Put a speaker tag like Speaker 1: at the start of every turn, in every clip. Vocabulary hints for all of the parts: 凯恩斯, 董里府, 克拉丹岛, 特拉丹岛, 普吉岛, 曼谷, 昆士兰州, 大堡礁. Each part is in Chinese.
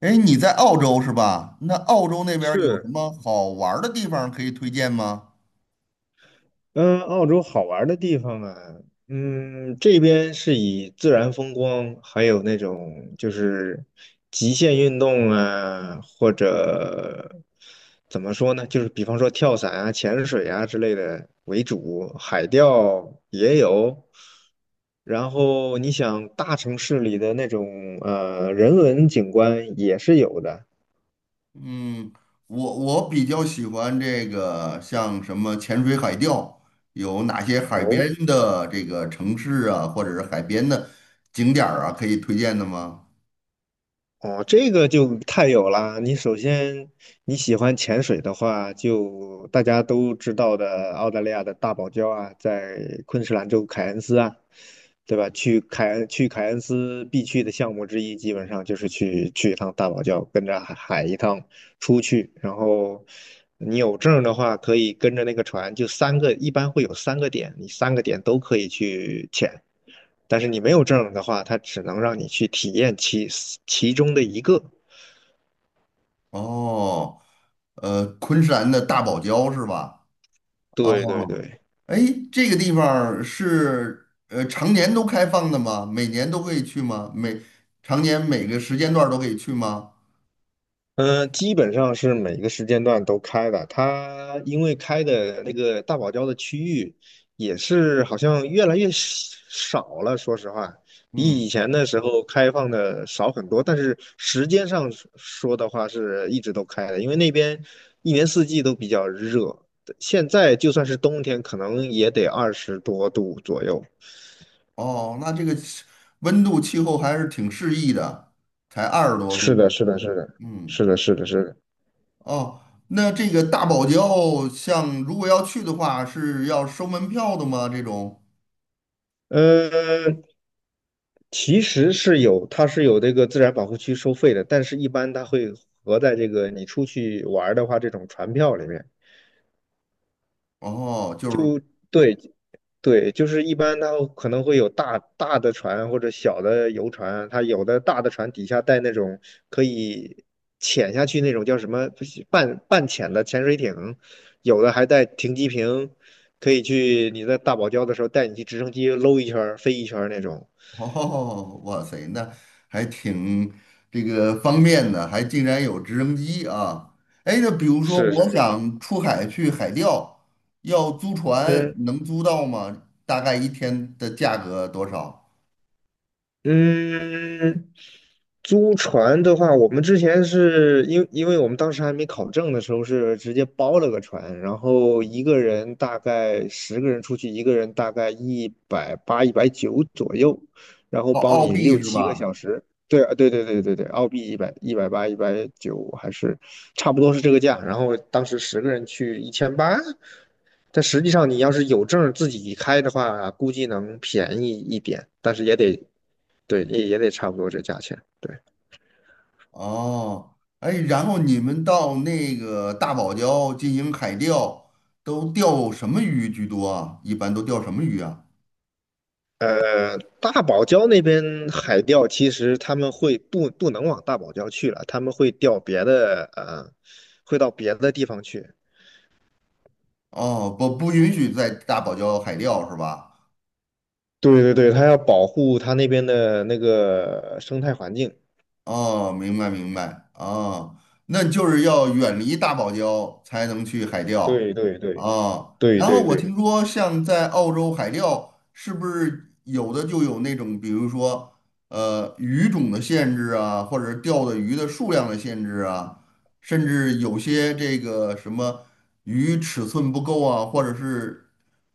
Speaker 1: 哎，你在澳洲是吧？那澳洲那边儿有什
Speaker 2: 是，
Speaker 1: 么好玩儿的地方可以推荐吗？
Speaker 2: 嗯，澳洲好玩儿的地方啊，这边是以自然风光，还有那种就是极限运动啊，或者怎么说呢，就是比方说跳伞啊、潜水啊之类的为主，海钓也有。然后你想大城市里的那种人文景观也是有的。
Speaker 1: 嗯，我比较喜欢这个，像什么潜水、海钓，有哪些海
Speaker 2: 哦。
Speaker 1: 边的这个城市啊，或者是海边的景点儿啊，可以推荐的吗？
Speaker 2: 哦，这个就太有啦！你首先你喜欢潜水的话，就大家都知道的澳大利亚的大堡礁啊，在昆士兰州凯恩斯啊，对吧？去凯恩斯必去的项目之一，基本上就是去一趟大堡礁，跟着海一趟出去。然后你有证儿的话，可以跟着那个船，就三个，一般会有三个点，你三个点都可以去潜。但是你没有证的话，它只能让你去体验其中的一个。
Speaker 1: 哦，昆山的大堡礁是吧？
Speaker 2: 对对
Speaker 1: 哦，
Speaker 2: 对，
Speaker 1: 哎，这个地方儿是常年都开放的吗？每年都可以去吗？常年每个时间段儿都可以去吗？
Speaker 2: 嗯、基本上是每个时间段都开的。它因为开的那个大堡礁的区域也是好像越来越少了，说实话，比
Speaker 1: 嗯，
Speaker 2: 以前的时候开放的少很多。但是时间上说的话，是一直都开的，因为那边一年四季都比较热。现在就算是冬天，可能也得20多度左右。
Speaker 1: 哦，那这个温度气候还是挺适宜的，才二十多
Speaker 2: 是
Speaker 1: 度。
Speaker 2: 的，是的，是的，
Speaker 1: 嗯，
Speaker 2: 是的，是的，是的。
Speaker 1: 哦，那这个大堡礁，像如果要去的话，是要收门票的吗？这种？
Speaker 2: 呃，其实是有，它是有这个自然保护区收费的，但是一般它会合在这个你出去玩儿的话，这种船票里面。
Speaker 1: 哦，就是，
Speaker 2: 对对，就是一般它可能会有大大的船或者小的游船，它有的大的船底下带那种可以潜下去那种叫什么不是半潜的潜水艇，有的还带停机坪，可以去你在大堡礁的时候带你去直升机搂一圈儿飞一圈儿那种。
Speaker 1: 哦，哇塞，那还挺这个方便的，还竟然有直升机啊！哎，那比如说
Speaker 2: 是
Speaker 1: 我
Speaker 2: 是是，
Speaker 1: 想出海去海钓，要租船，
Speaker 2: 嗯，
Speaker 1: 能租到吗？大概一天的价格多少？
Speaker 2: 嗯，租船的话，我们之前是因为我们当时还没考证的时候，是直接包了个船，然后一个人大概十个人出去，一个人大概一百八、一百九左右，然后
Speaker 1: 澳
Speaker 2: 包
Speaker 1: 澳
Speaker 2: 你
Speaker 1: 币
Speaker 2: 六
Speaker 1: 是
Speaker 2: 七个
Speaker 1: 吧？
Speaker 2: 小时。对啊，对对对对对，澳币一百八、一百九还是差不多是这个价。然后当时十个人去1800，但实际上你要是有证儿自己开的话，估计能便宜一点，但是也得对，也得差不多这价钱。对，
Speaker 1: 哦，哎，然后你们到那个大堡礁进行海钓，都钓什么鱼居多啊？一般都钓什么鱼啊？
Speaker 2: 大堡礁那边海钓，其实他们会不能往大堡礁去了，他们会钓别的，会到别的地方去。
Speaker 1: 哦，不，不允许在大堡礁海钓是吧？
Speaker 2: 对对对，他要保护他那边的那个生态环境。
Speaker 1: 哦，明白明白，哦，那就是要远离大堡礁才能去海钓，
Speaker 2: 对对对
Speaker 1: 啊。
Speaker 2: 对
Speaker 1: 然后
Speaker 2: 对
Speaker 1: 我
Speaker 2: 对。
Speaker 1: 听说像在澳洲海钓是不是有的就有那种，比如说鱼种的限制啊，或者钓的鱼的数量的限制啊，甚至有些这个什么鱼尺寸不够啊，或者是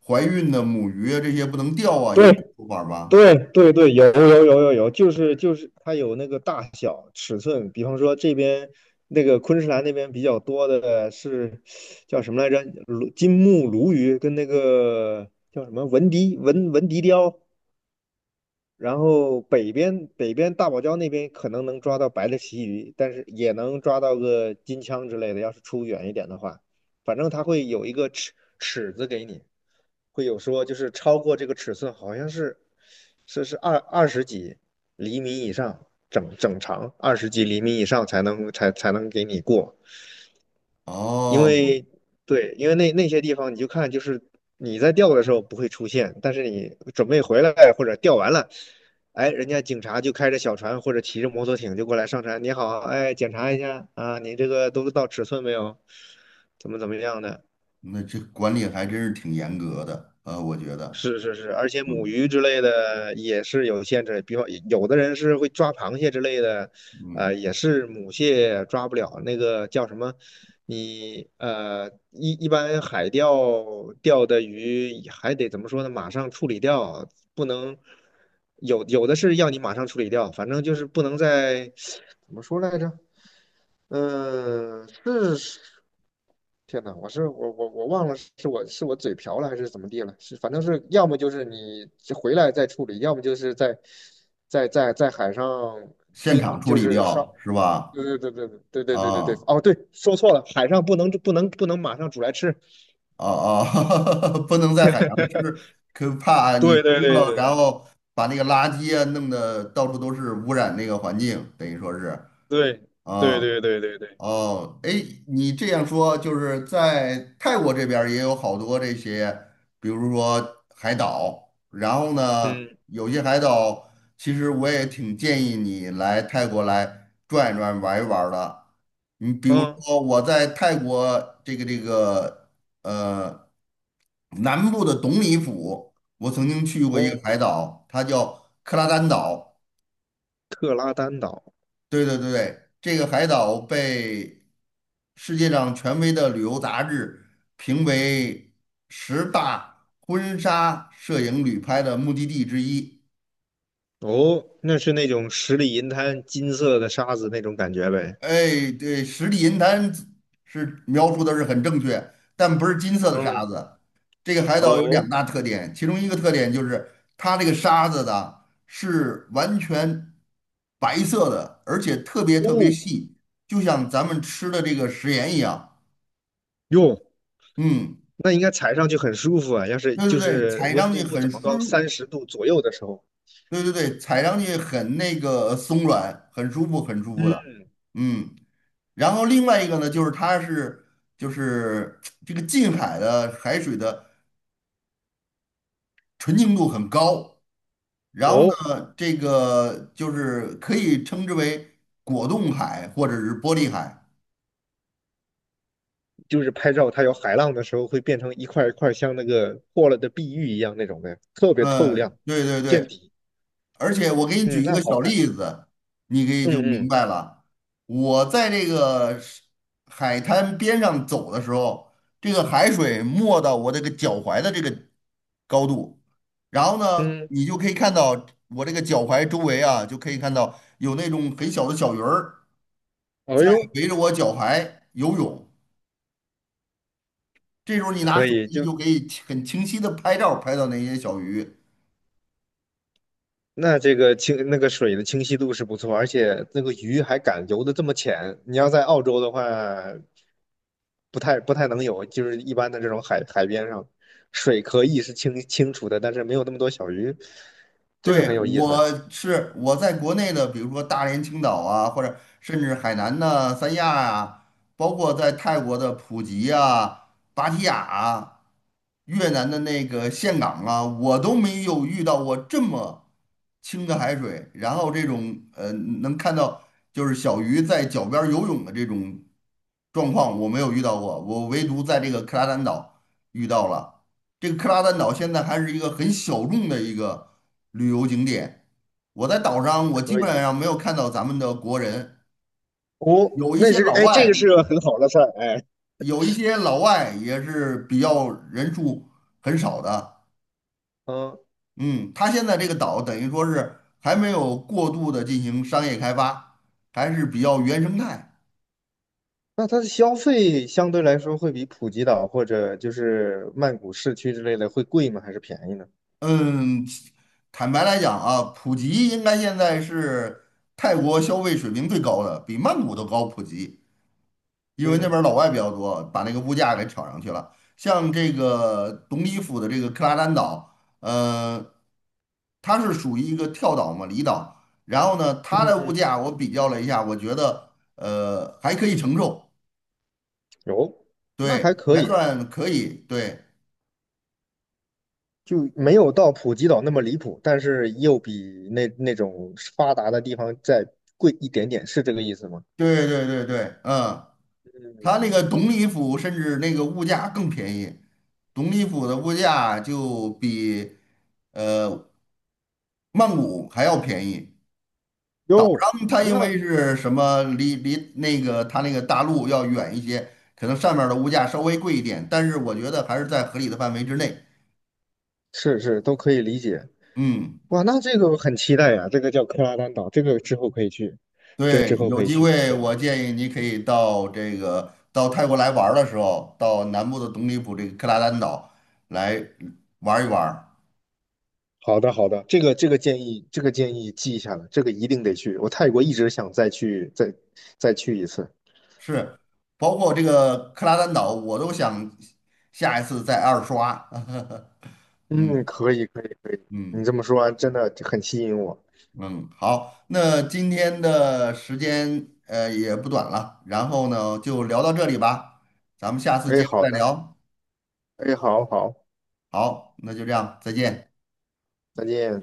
Speaker 1: 怀孕的母鱼啊这些不能钓啊，有这种
Speaker 2: 对，
Speaker 1: 说法吧？
Speaker 2: 对对对，有有有有有，就是它有那个大小尺寸，比方说这边那个昆士兰那边比较多的是叫什么来着？金目鲈鱼跟那个叫什么文迪雕。然后北边大堡礁那边可能能抓到白的旗鱼，但是也能抓到个金枪之类的。要是出远一点的话，反正它会有一个尺子给你，会有说就是超过这个尺寸，好像是是二十几厘米以上，整整长二十几厘米以上才能给你过。因
Speaker 1: 哦。
Speaker 2: 为对，因为那些地方你就看，就是你在钓的时候不会出现，但是你准备回来或者钓完了，哎，人家警察就开着小船或者骑着摩托艇就过来上船，你好，哎，检查一下啊，你这个都到尺寸没有，怎么样的，
Speaker 1: 那这管理还真是挺严格的，我觉得，
Speaker 2: 是是是，而且母
Speaker 1: 嗯
Speaker 2: 鱼之类的也是有限制，比方有的人是会抓螃蟹之类的，
Speaker 1: 嗯，
Speaker 2: 也是母蟹抓不了，那个叫什么？你一般海钓钓的鱼还得怎么说呢？马上处理掉，不能有的是要你马上处理掉，反正就是不能在怎么说来着？是天呐，我忘了是我嘴瓢了还是怎么地了，是反正是要么就是你回来再处理，要么就是在海上
Speaker 1: 现场
Speaker 2: 冰
Speaker 1: 处
Speaker 2: 就
Speaker 1: 理
Speaker 2: 是烧，
Speaker 1: 掉是吧？
Speaker 2: 对对对对对对对对对对，
Speaker 1: 啊
Speaker 2: 哦对，说错了，海上不能马上煮来吃，
Speaker 1: 啊啊，不能在海洋吃，可怕你
Speaker 2: 对
Speaker 1: 吃
Speaker 2: 对
Speaker 1: 了然
Speaker 2: 对
Speaker 1: 后把那个垃圾啊弄得到处都是，污染那个环境，等于说是
Speaker 2: 对
Speaker 1: 啊。
Speaker 2: 对对对对对对，
Speaker 1: 哦，哎，你这样说，就是在泰国这边儿也有好多这些，比如说海岛，然后呢，
Speaker 2: 嗯
Speaker 1: 有些海岛其实我也挺建议你来泰国来转一转、玩一玩儿的。你比如
Speaker 2: 嗯
Speaker 1: 说我在泰国这个呃南部的董里府，我曾经去过一个
Speaker 2: 哦，
Speaker 1: 海岛，它叫克拉丹岛。
Speaker 2: 特拉丹岛
Speaker 1: 对对对对，这个海岛被世界上权威的旅游杂志评为十大婚纱摄影旅拍的目的地之一。
Speaker 2: 哦，那是那种十里银滩金色的沙子那种感觉呗，
Speaker 1: 哎，对，十里银滩是描述的是很正确，但不是金色的沙
Speaker 2: 嗯
Speaker 1: 子。这个海岛有两
Speaker 2: 哦
Speaker 1: 大特点，其中一个特点就是它这个沙子的是完全白色的，而且特别
Speaker 2: 哦
Speaker 1: 特别
Speaker 2: 哦
Speaker 1: 细，就像咱们吃的这个食盐一样。
Speaker 2: 哟。
Speaker 1: 嗯。
Speaker 2: 那应该踩上去很舒服啊。要是
Speaker 1: 对
Speaker 2: 就
Speaker 1: 对对，
Speaker 2: 是
Speaker 1: 踩
Speaker 2: 温
Speaker 1: 上去
Speaker 2: 度不
Speaker 1: 很
Speaker 2: 怎么高，
Speaker 1: 舒，
Speaker 2: 30度左右的时候，
Speaker 1: 对对对，踩上去很那个松软，很舒服，很舒服的。
Speaker 2: 嗯，
Speaker 1: 嗯，然后另外一个呢，就是就是这个近海的海水的纯净度很高，然后
Speaker 2: 哦，
Speaker 1: 呢，这个就是可以称之为果冻海或者是玻璃海。
Speaker 2: 就是拍照它有海浪的时候，会变成一块一块像那个破了的碧玉一样那种的，特别透亮，
Speaker 1: 嗯，对对
Speaker 2: 见
Speaker 1: 对，
Speaker 2: 底。
Speaker 1: 而且我给你
Speaker 2: 嗯，
Speaker 1: 举一
Speaker 2: 那
Speaker 1: 个
Speaker 2: 好
Speaker 1: 小
Speaker 2: 看。
Speaker 1: 例子，你可以
Speaker 2: 嗯
Speaker 1: 就明
Speaker 2: 嗯
Speaker 1: 白了。我在海滩边上走的时候，这个海水没到我这个脚踝的这个高度，然后呢，
Speaker 2: 嗯，
Speaker 1: 你就可以看到我这个脚踝周围啊，就可以看到有那种很小的小鱼儿
Speaker 2: 哎
Speaker 1: 在
Speaker 2: 呦，
Speaker 1: 围着我脚踝游泳。这时候你拿
Speaker 2: 可
Speaker 1: 手
Speaker 2: 以，
Speaker 1: 机
Speaker 2: 就
Speaker 1: 就可以很清晰的拍照，拍到那些小鱼。
Speaker 2: 那个水的清晰度是不错，而且那个鱼还敢游得这么浅。你要在澳洲的话，不太能有，就是一般的这种海边上，水可以是清清楚的，但是没有那么多小鱼，这个
Speaker 1: 对，
Speaker 2: 很有意思。
Speaker 1: 我在国内的，比如说大连、青岛啊，或者甚至海南的三亚啊，包括在泰国的普吉啊、芭提雅啊，越南的那个岘港啊，我都没有遇到过这么清的海水，然后这种能看到就是小鱼在脚边儿游泳的这种状况，我没有遇到过，我唯独在这个克拉丹岛遇到了。这个克拉丹岛现在还是一个很小众的一个旅游景点，我基
Speaker 2: 可
Speaker 1: 本
Speaker 2: 以
Speaker 1: 上没有看到咱们的国人，
Speaker 2: 哦，
Speaker 1: 有一
Speaker 2: 那
Speaker 1: 些
Speaker 2: 是
Speaker 1: 老
Speaker 2: 个哎，这
Speaker 1: 外，
Speaker 2: 个是个很好的事儿哎。
Speaker 1: 有一些老外也是比较人数很少的。
Speaker 2: 嗯，
Speaker 1: 嗯，它现在这个岛等于说是还没有过度的进行商业开发，还是比较原生态。
Speaker 2: 那它的消费相对来说会比普吉岛或者就是曼谷市区之类的会贵吗？还是便宜呢？
Speaker 1: 嗯，坦白来讲啊，普吉应该现在是泰国消费水平最高的，比曼谷都高普及，因为那
Speaker 2: 嗯
Speaker 1: 边儿老外比较多，把那个物价给炒上去了。像这个东里府的这个克拉丹岛，呃，它是属于一个跳岛嘛，离岛。然后呢，它
Speaker 2: 嗯
Speaker 1: 的物
Speaker 2: 嗯，
Speaker 1: 价我比较了一下，我觉得还可以承受。
Speaker 2: 有，那
Speaker 1: 对，
Speaker 2: 还可
Speaker 1: 还
Speaker 2: 以。
Speaker 1: 算可以，对，
Speaker 2: 就没有到普吉岛那么离谱，但是又比那种发达的地方再贵一点点，是这个意思吗？
Speaker 1: 对对对对，嗯，他那个
Speaker 2: 嗯，
Speaker 1: 董里府甚至那个物价更便宜，董里府的物价就比呃曼谷还要便宜。岛
Speaker 2: 哟，
Speaker 1: 上它因
Speaker 2: 那
Speaker 1: 为是什么离那个它那个大陆要远一些，可能上面儿的物价稍微贵一点，但是我觉得还是在合理的范围之内。
Speaker 2: 是都可以理解。
Speaker 1: 嗯。
Speaker 2: 哇，那这个我很期待呀、这个叫克拉丹岛，这个之后可以去，这之
Speaker 1: 对，
Speaker 2: 后可
Speaker 1: 有
Speaker 2: 以
Speaker 1: 机
Speaker 2: 去。
Speaker 1: 会
Speaker 2: 天呐，
Speaker 1: 我建议你可以到到泰国来玩儿的时候，到南部的董里普这个克拉丹岛来玩儿一玩儿。
Speaker 2: 好的好的，这个这个建议这个建议记下了，这个一定得去。我泰国一直想再去一次。
Speaker 1: 是，包括这个克拉丹岛，我都想下一次再二刷。
Speaker 2: 嗯，
Speaker 1: 嗯
Speaker 2: 可以可以可以，你
Speaker 1: 嗯
Speaker 2: 这么说完真的很吸引我。
Speaker 1: 嗯，好，那今天的时间也不短了，然后呢就聊到这里吧，咱们下次
Speaker 2: 哎，
Speaker 1: 接着
Speaker 2: 好
Speaker 1: 再
Speaker 2: 的，
Speaker 1: 聊。
Speaker 2: 哎，好好。
Speaker 1: 好，那就这样，再见。
Speaker 2: 再见。